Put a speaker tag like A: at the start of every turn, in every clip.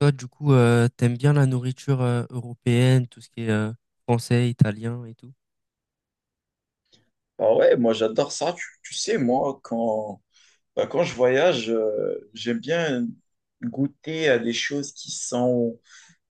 A: Toi, du coup, t'aimes bien la nourriture européenne, tout ce qui est français, italien et tout?
B: Ah ouais, moi j'adore ça. Tu sais, moi, quand je voyage, j'aime bien goûter à des choses qui sont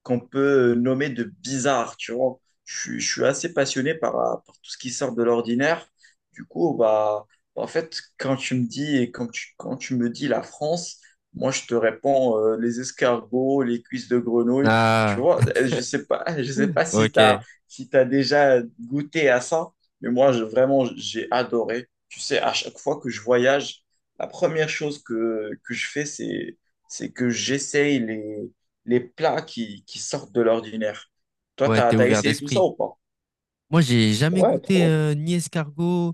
B: qu'on peut nommer de bizarre, tu vois. Je suis assez passionné par tout ce qui sort de l'ordinaire. Du coup, bah, en fait, quand tu me dis et quand tu me dis la France, moi, je te réponds les escargots, les cuisses de grenouille. Tu
A: Ah,
B: vois, je sais pas, je sais pas si tu as,
A: ok.
B: si tu déjà goûté à ça, mais moi, je, vraiment, j'ai adoré. Tu sais, à chaque fois que je voyage, la première chose que je fais, c'est que j'essaye les plats qui sortent de l'ordinaire. Toi,
A: Ouais,
B: t'as,
A: t'es
B: t'as
A: ouvert
B: essayé tout ça
A: d'esprit.
B: ou pas?
A: Moi, j'ai jamais
B: Ouais,
A: goûté
B: trop.
A: ni escargot,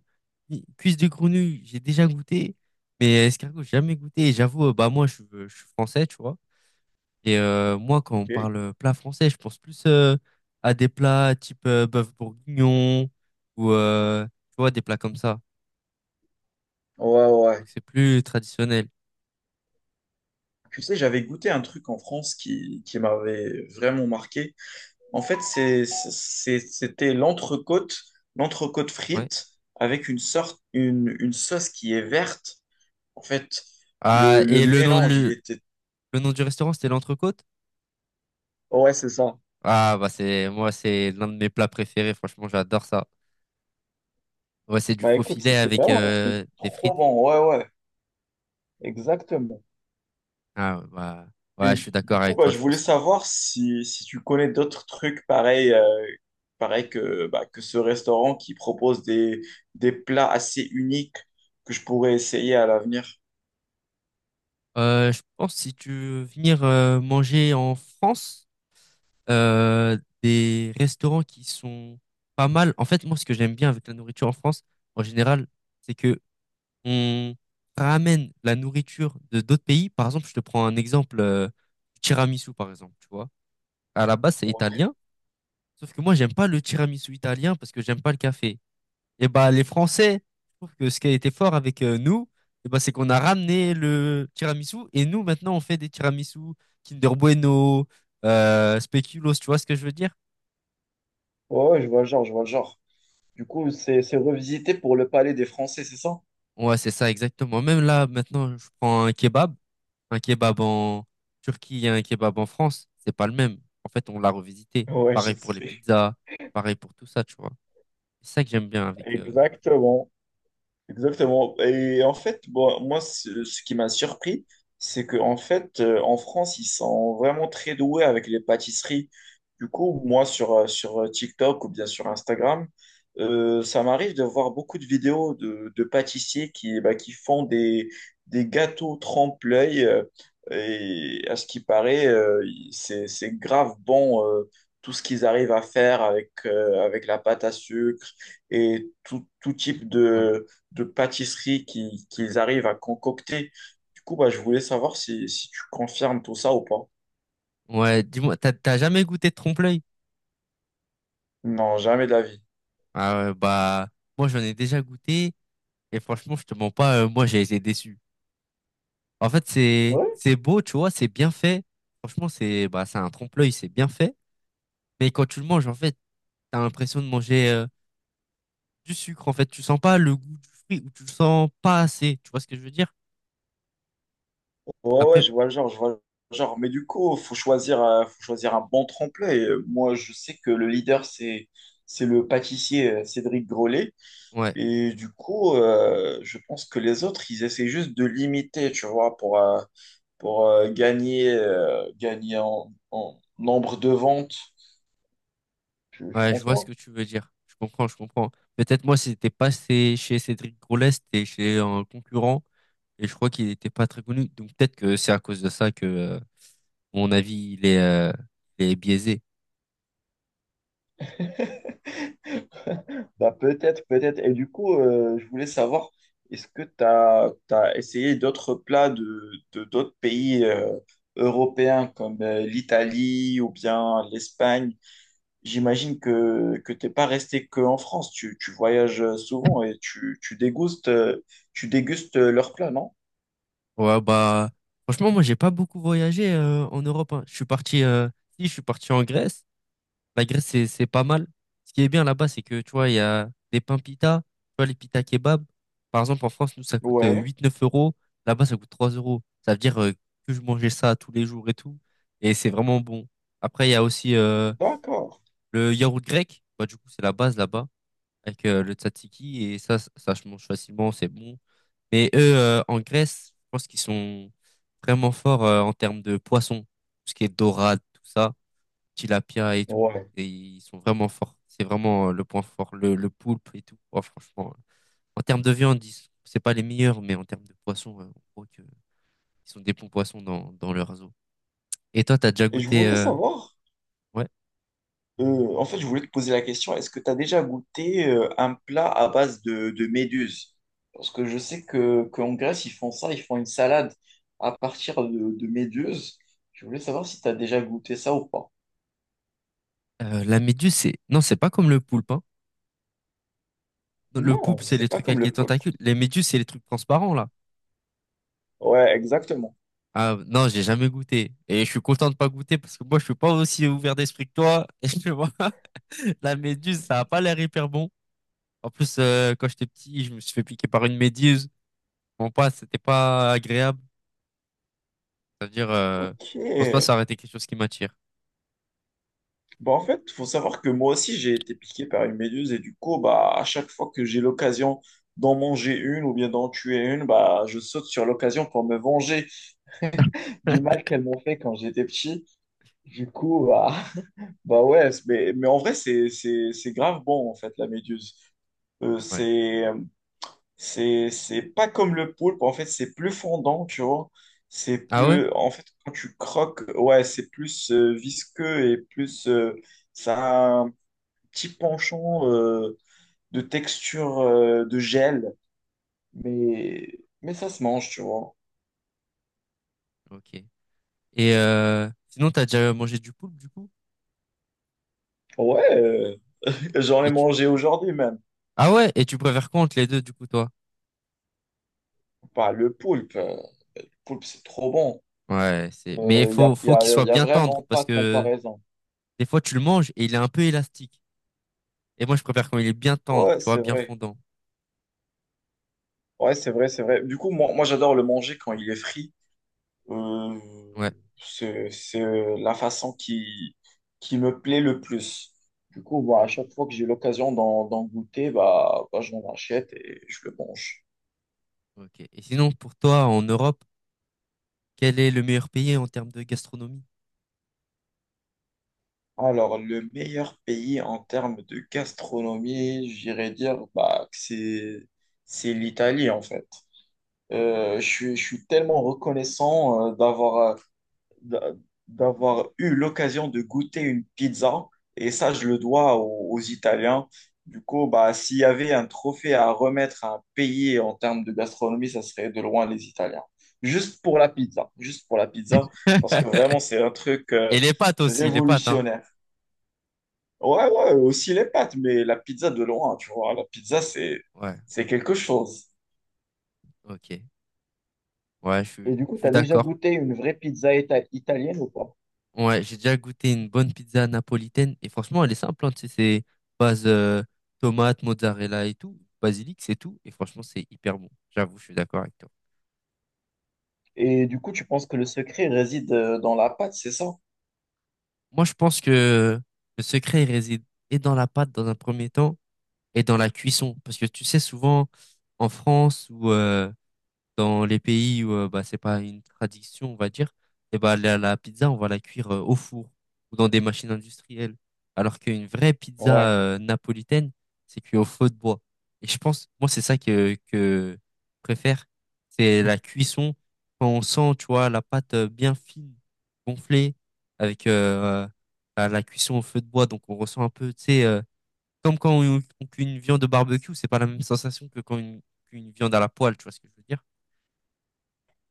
A: ni cuisse de grenouille. J'ai déjà goûté, mais escargot, j'ai jamais goûté. Et j'avoue, bah moi, je suis français, tu vois. Et moi, quand on
B: Ok.
A: parle plat français, je pense plus à des plats type bœuf bourguignon ou tu vois, des plats comme ça.
B: Ouais, ouais, ouais.
A: Donc, c'est plus traditionnel.
B: Tu sais, j'avais goûté un truc en France qui m'avait vraiment marqué. En fait, c'était l'entrecôte, l'entrecôte
A: Ouais.
B: frite avec une sorte, une sauce qui est verte. En fait,
A: Ah,
B: le
A: et le nom,
B: mélange, il
A: le,
B: était...
A: le nom du restaurant, c'était l'entrecôte?
B: Ouais, c'est ça.
A: Ah, bah c'est moi, c'est l'un de mes plats préférés. Franchement, j'adore ça. Ouais, c'est du
B: Bah
A: faux
B: écoute,
A: filet
B: c'était
A: avec
B: vraiment
A: des
B: trop
A: frites.
B: bon. Ouais, ouais, exactement.
A: Ah, bah, ouais,
B: Et
A: je suis
B: du
A: d'accord
B: coup,
A: avec
B: bah,
A: toi.
B: je
A: Je
B: voulais
A: pense que.
B: savoir si tu connais d'autres trucs pareils que ce restaurant qui propose des plats assez uniques que je pourrais essayer à l'avenir.
A: Je pense si tu veux venir manger en France, euh, des restaurants qui sont pas mal. En fait, moi, ce que j'aime bien avec la nourriture en France, en général, c'est que on ramène la nourriture de d'autres pays. Par exemple, je te prends un exemple, tiramisu, par exemple. Tu vois. À la base, c'est
B: Ouais.
A: italien. Sauf que moi, j'aime pas le tiramisu italien parce que j'aime pas le café. Et bah, les Français, je trouve que ce qui a été fort avec nous, et bah, c'est qu'on a ramené le tiramisu et nous, maintenant, on fait des tiramisu Kinder Bueno, Speculoos, tu vois ce que je veux dire?
B: Ouais, ouais, je vois le genre, je vois le genre. Du coup, c'est revisité pour le palais des Français, c'est ça?
A: Ouais, c'est ça, exactement. Même là, maintenant, je prends un kebab en Turquie et un kebab en France, c'est pas le même. En fait, on l'a revisité.
B: Ouais, je
A: Pareil pour les
B: sais.
A: pizzas, pareil pour tout ça, tu vois. C'est ça que j'aime bien avec.
B: Exactement. Exactement. Et en fait, bon, moi, ce qui m'a surpris, c'est que en fait, en France, ils sont vraiment très doués avec les pâtisseries. Du coup, moi, sur TikTok ou bien sur Instagram, ça m'arrive de voir beaucoup de vidéos de pâtissiers qui, bah, qui font des gâteaux trempe-l'œil. Et à ce qui paraît, c'est grave bon, tout ce qu'ils arrivent à faire avec, avec la pâte à sucre et tout, tout type
A: Ouais.
B: de pâtisserie qu'ils arrivent à concocter. Du coup, bah, je voulais savoir si tu confirmes tout ça ou pas.
A: Ouais, dis-moi, t'as jamais goûté de trompe-l'œil?
B: Non, jamais de la vie.
A: Ah ouais, bah, moi j'en ai déjà goûté et franchement, je te mens pas, moi j'ai été déçu. En fait, c'est
B: Ouais.
A: c'est beau, tu vois, c'est bien fait. Franchement, c'est bah c'est un trompe-l'œil, c'est bien fait. Mais quand tu le manges, en fait, t'as l'impression de manger du sucre. En fait, tu sens pas le goût du fruit ou tu le sens pas assez. Tu vois ce que je veux dire?
B: Ouais, ouais,
A: Après,
B: je vois le genre, je vois le genre. Mais du coup, faut choisir un bon tremplin. Et moi, je sais que le leader, c'est le pâtissier Cédric Grolet.
A: ouais,
B: Et du coup, je pense que les autres, ils essaient juste de l'imiter, tu vois, pour gagner, gagner en nombre de ventes. Je
A: ouais, je
B: pense
A: vois ce
B: pas.
A: que tu veux dire. Je comprends, je comprends. Peut-être moi, c'était pas chez Cédric Grolet, c'était chez un concurrent. Et je crois qu'il n'était pas très connu. Donc peut-être que c'est à cause de ça que mon avis il est biaisé.
B: Bah, peut-être, peut-être. Et du coup, je voulais savoir, est-ce que tu as essayé d'autres plats d'autres pays européens comme l'Italie ou bien l'Espagne? J'imagine que t'es pas resté qu'en France. Tu voyages souvent et tu dégustes leurs plats, non?
A: Ouais, bah franchement, moi j'ai pas beaucoup voyagé en Europe. Hein. Je suis parti si je suis parti en Grèce. La Grèce c'est pas mal. Ce qui est bien là-bas, c'est que tu vois, il y a des pains pita, tu vois, les pita kebab. Par exemple, en France, nous, ça coûte
B: Ouais,
A: 8-9 euros. Là-bas, ça coûte 3 euros. Ça veut dire que je mangeais ça tous les jours et tout. Et c'est vraiment bon. Après, il y a aussi
B: d'accord.
A: le yaourt grec. Bah, du coup, c'est la base là-bas. Avec le tzatziki et ça se mange facilement, c'est bon. Mais eux, en Grèce, je pense qu'ils sont vraiment forts en termes de poissons, tout ce qui est dorade, tout ça, tilapia et tout.
B: Ouais.
A: Et ils sont vraiment forts. C'est vraiment le point fort, le poulpe et tout. Oh, franchement, en termes de viande, c'est pas les meilleurs, mais en termes de poissons, on voit que ils sont des bons poissons dans leur réseau. Et toi, t'as déjà
B: Et je
A: goûté
B: voulais savoir.
A: ouais,
B: En fait, je voulais te poser la question, est-ce que tu as déjà goûté un plat à base de méduse? Parce que je sais que qu'en Grèce, ils font ça, ils font une salade à partir de méduse. Je voulais savoir si tu as déjà goûté ça ou pas.
A: la méduse, c'est non, c'est pas comme le poulpe, hein. Le poulpe,
B: Non,
A: c'est
B: c'est
A: les
B: pas
A: trucs
B: comme
A: avec les
B: le poulpe.
A: tentacules. Les méduses, c'est les trucs transparents là.
B: Ouais, exactement.
A: Ah, non, j'ai jamais goûté. Et je suis content de pas goûter parce que moi, je suis pas aussi ouvert d'esprit que toi. Et tu vois, la méduse, ça a pas l'air hyper bon. En plus, quand j'étais petit, je me suis fait piquer par une méduse. Bon, pas, c'était pas agréable. C'est-à-dire,
B: Ok.
A: je pense pas que ça aurait été quelque chose qui m'attire.
B: Bah, en fait, faut savoir que moi aussi, j'ai été piqué par une méduse et du coup, bah, à chaque fois que j'ai l'occasion d'en manger une ou bien d'en tuer une, bah, je saute sur l'occasion pour me venger du mal qu'elles m'ont fait quand j'étais petit. Du coup, bah, bah ouais, mais en vrai, c'est grave bon, en fait, la méduse. Euh,
A: Ouais.
B: c'est, c'est pas comme le poulpe, en fait, c'est plus fondant, tu vois. C'est
A: Ah ouais?
B: plus, en fait, quand tu croques, ouais, c'est plus visqueux et plus, ça a un petit penchant de texture de gel, mais ça se mange, tu vois.
A: Ok. Et sinon, t'as déjà mangé du poulpe, du coup?
B: Ouais, j'en ai
A: Et tu...
B: mangé aujourd'hui même.
A: Ah ouais? Et tu préfères quoi entre les deux, du coup, toi?
B: Pas le poulpe, le poulpe, c'est trop bon.
A: Ouais, c'est... Mais il
B: Il n'y a,
A: faut,
B: y
A: faut qu'il
B: a,
A: soit
B: y a
A: bien tendre
B: vraiment
A: parce
B: pas de
A: que
B: comparaison.
A: des fois, tu le manges et il est un peu élastique. Et moi, je préfère quand il est bien tendre,
B: Ouais,
A: tu vois,
B: c'est
A: bien
B: vrai.
A: fondant.
B: Ouais, c'est vrai, c'est vrai. Du coup, moi j'adore le manger quand il est frit. Euh,
A: Ouais,
B: c'est la façon qui me plaît le plus. Du coup, bah, à
A: ok,
B: chaque fois que j'ai l'occasion d'en goûter, bah, bah, j'en achète et je le mange.
A: ok. Et sinon, pour toi, en Europe, quel est le meilleur pays en termes de gastronomie?
B: Alors, le meilleur pays en termes de gastronomie, j'irais dire bah, c'est l'Italie, en fait. Je suis tellement reconnaissant d'a- d'avoir eu l'occasion de goûter une pizza. Et ça, je le dois aux Italiens. Du coup, bah, s'il y avait un trophée à remettre à un pays en termes de gastronomie, ça serait de loin les Italiens. Juste pour la pizza. Juste pour la pizza. Parce que vraiment, c'est un truc
A: Et les pâtes aussi, les pâtes, hein.
B: révolutionnaire. Ouais, ouais, aussi les pâtes, mais la pizza de loin, tu vois. La pizza,
A: Ouais,
B: c'est quelque chose.
A: ok. Ouais, je suis,
B: Et du coup,
A: je
B: tu
A: suis
B: as déjà
A: d'accord.
B: goûté une vraie pizza italienne ou pas?
A: Ouais, j'ai déjà goûté une bonne pizza napolitaine et franchement, elle est simple, hein, tu sais, c'est base tomate, mozzarella et tout, basilic, c'est tout. Et franchement, c'est hyper bon. J'avoue, je suis d'accord avec toi.
B: Et du coup, tu penses que le secret réside dans la pâte, c'est ça?
A: Moi, je pense que le secret il réside et dans la pâte dans un premier temps et dans la cuisson. Parce que tu sais, souvent en France ou dans les pays où bah, c'est pas une tradition, on va dire, et bah, la pizza, on va la cuire au four ou dans des machines industrielles. Alors qu'une vraie pizza
B: Ouais,
A: napolitaine, c'est cuit au feu de bois. Et je pense, moi, c'est ça que je préfère, c'est la cuisson. Quand on sent, tu vois, la pâte bien fine, gonflée, avec à la cuisson au feu de bois, donc on ressent un peu, tu sais, comme quand on cuit une viande au barbecue, c'est pas la même sensation que qu'une viande à la poêle, tu vois ce que je veux dire?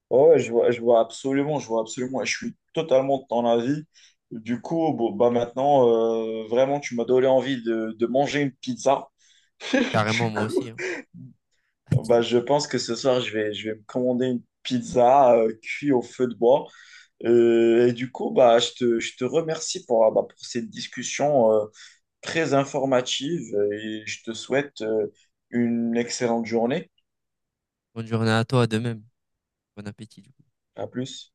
B: ouais, je vois absolument, et je suis totalement de ton avis. Du coup, bon, bah maintenant, vraiment, tu m'as donné envie de manger une pizza.
A: Carrément,
B: Du
A: moi
B: coup,
A: aussi. Hein.
B: bah, je pense que ce soir, je vais me commander une pizza cuite au feu de bois. Et du coup, bah, je te remercie pour, ah, bah, pour cette discussion très informative et je te souhaite une excellente journée.
A: Bonne journée à toi, de même. Bon appétit.
B: À plus.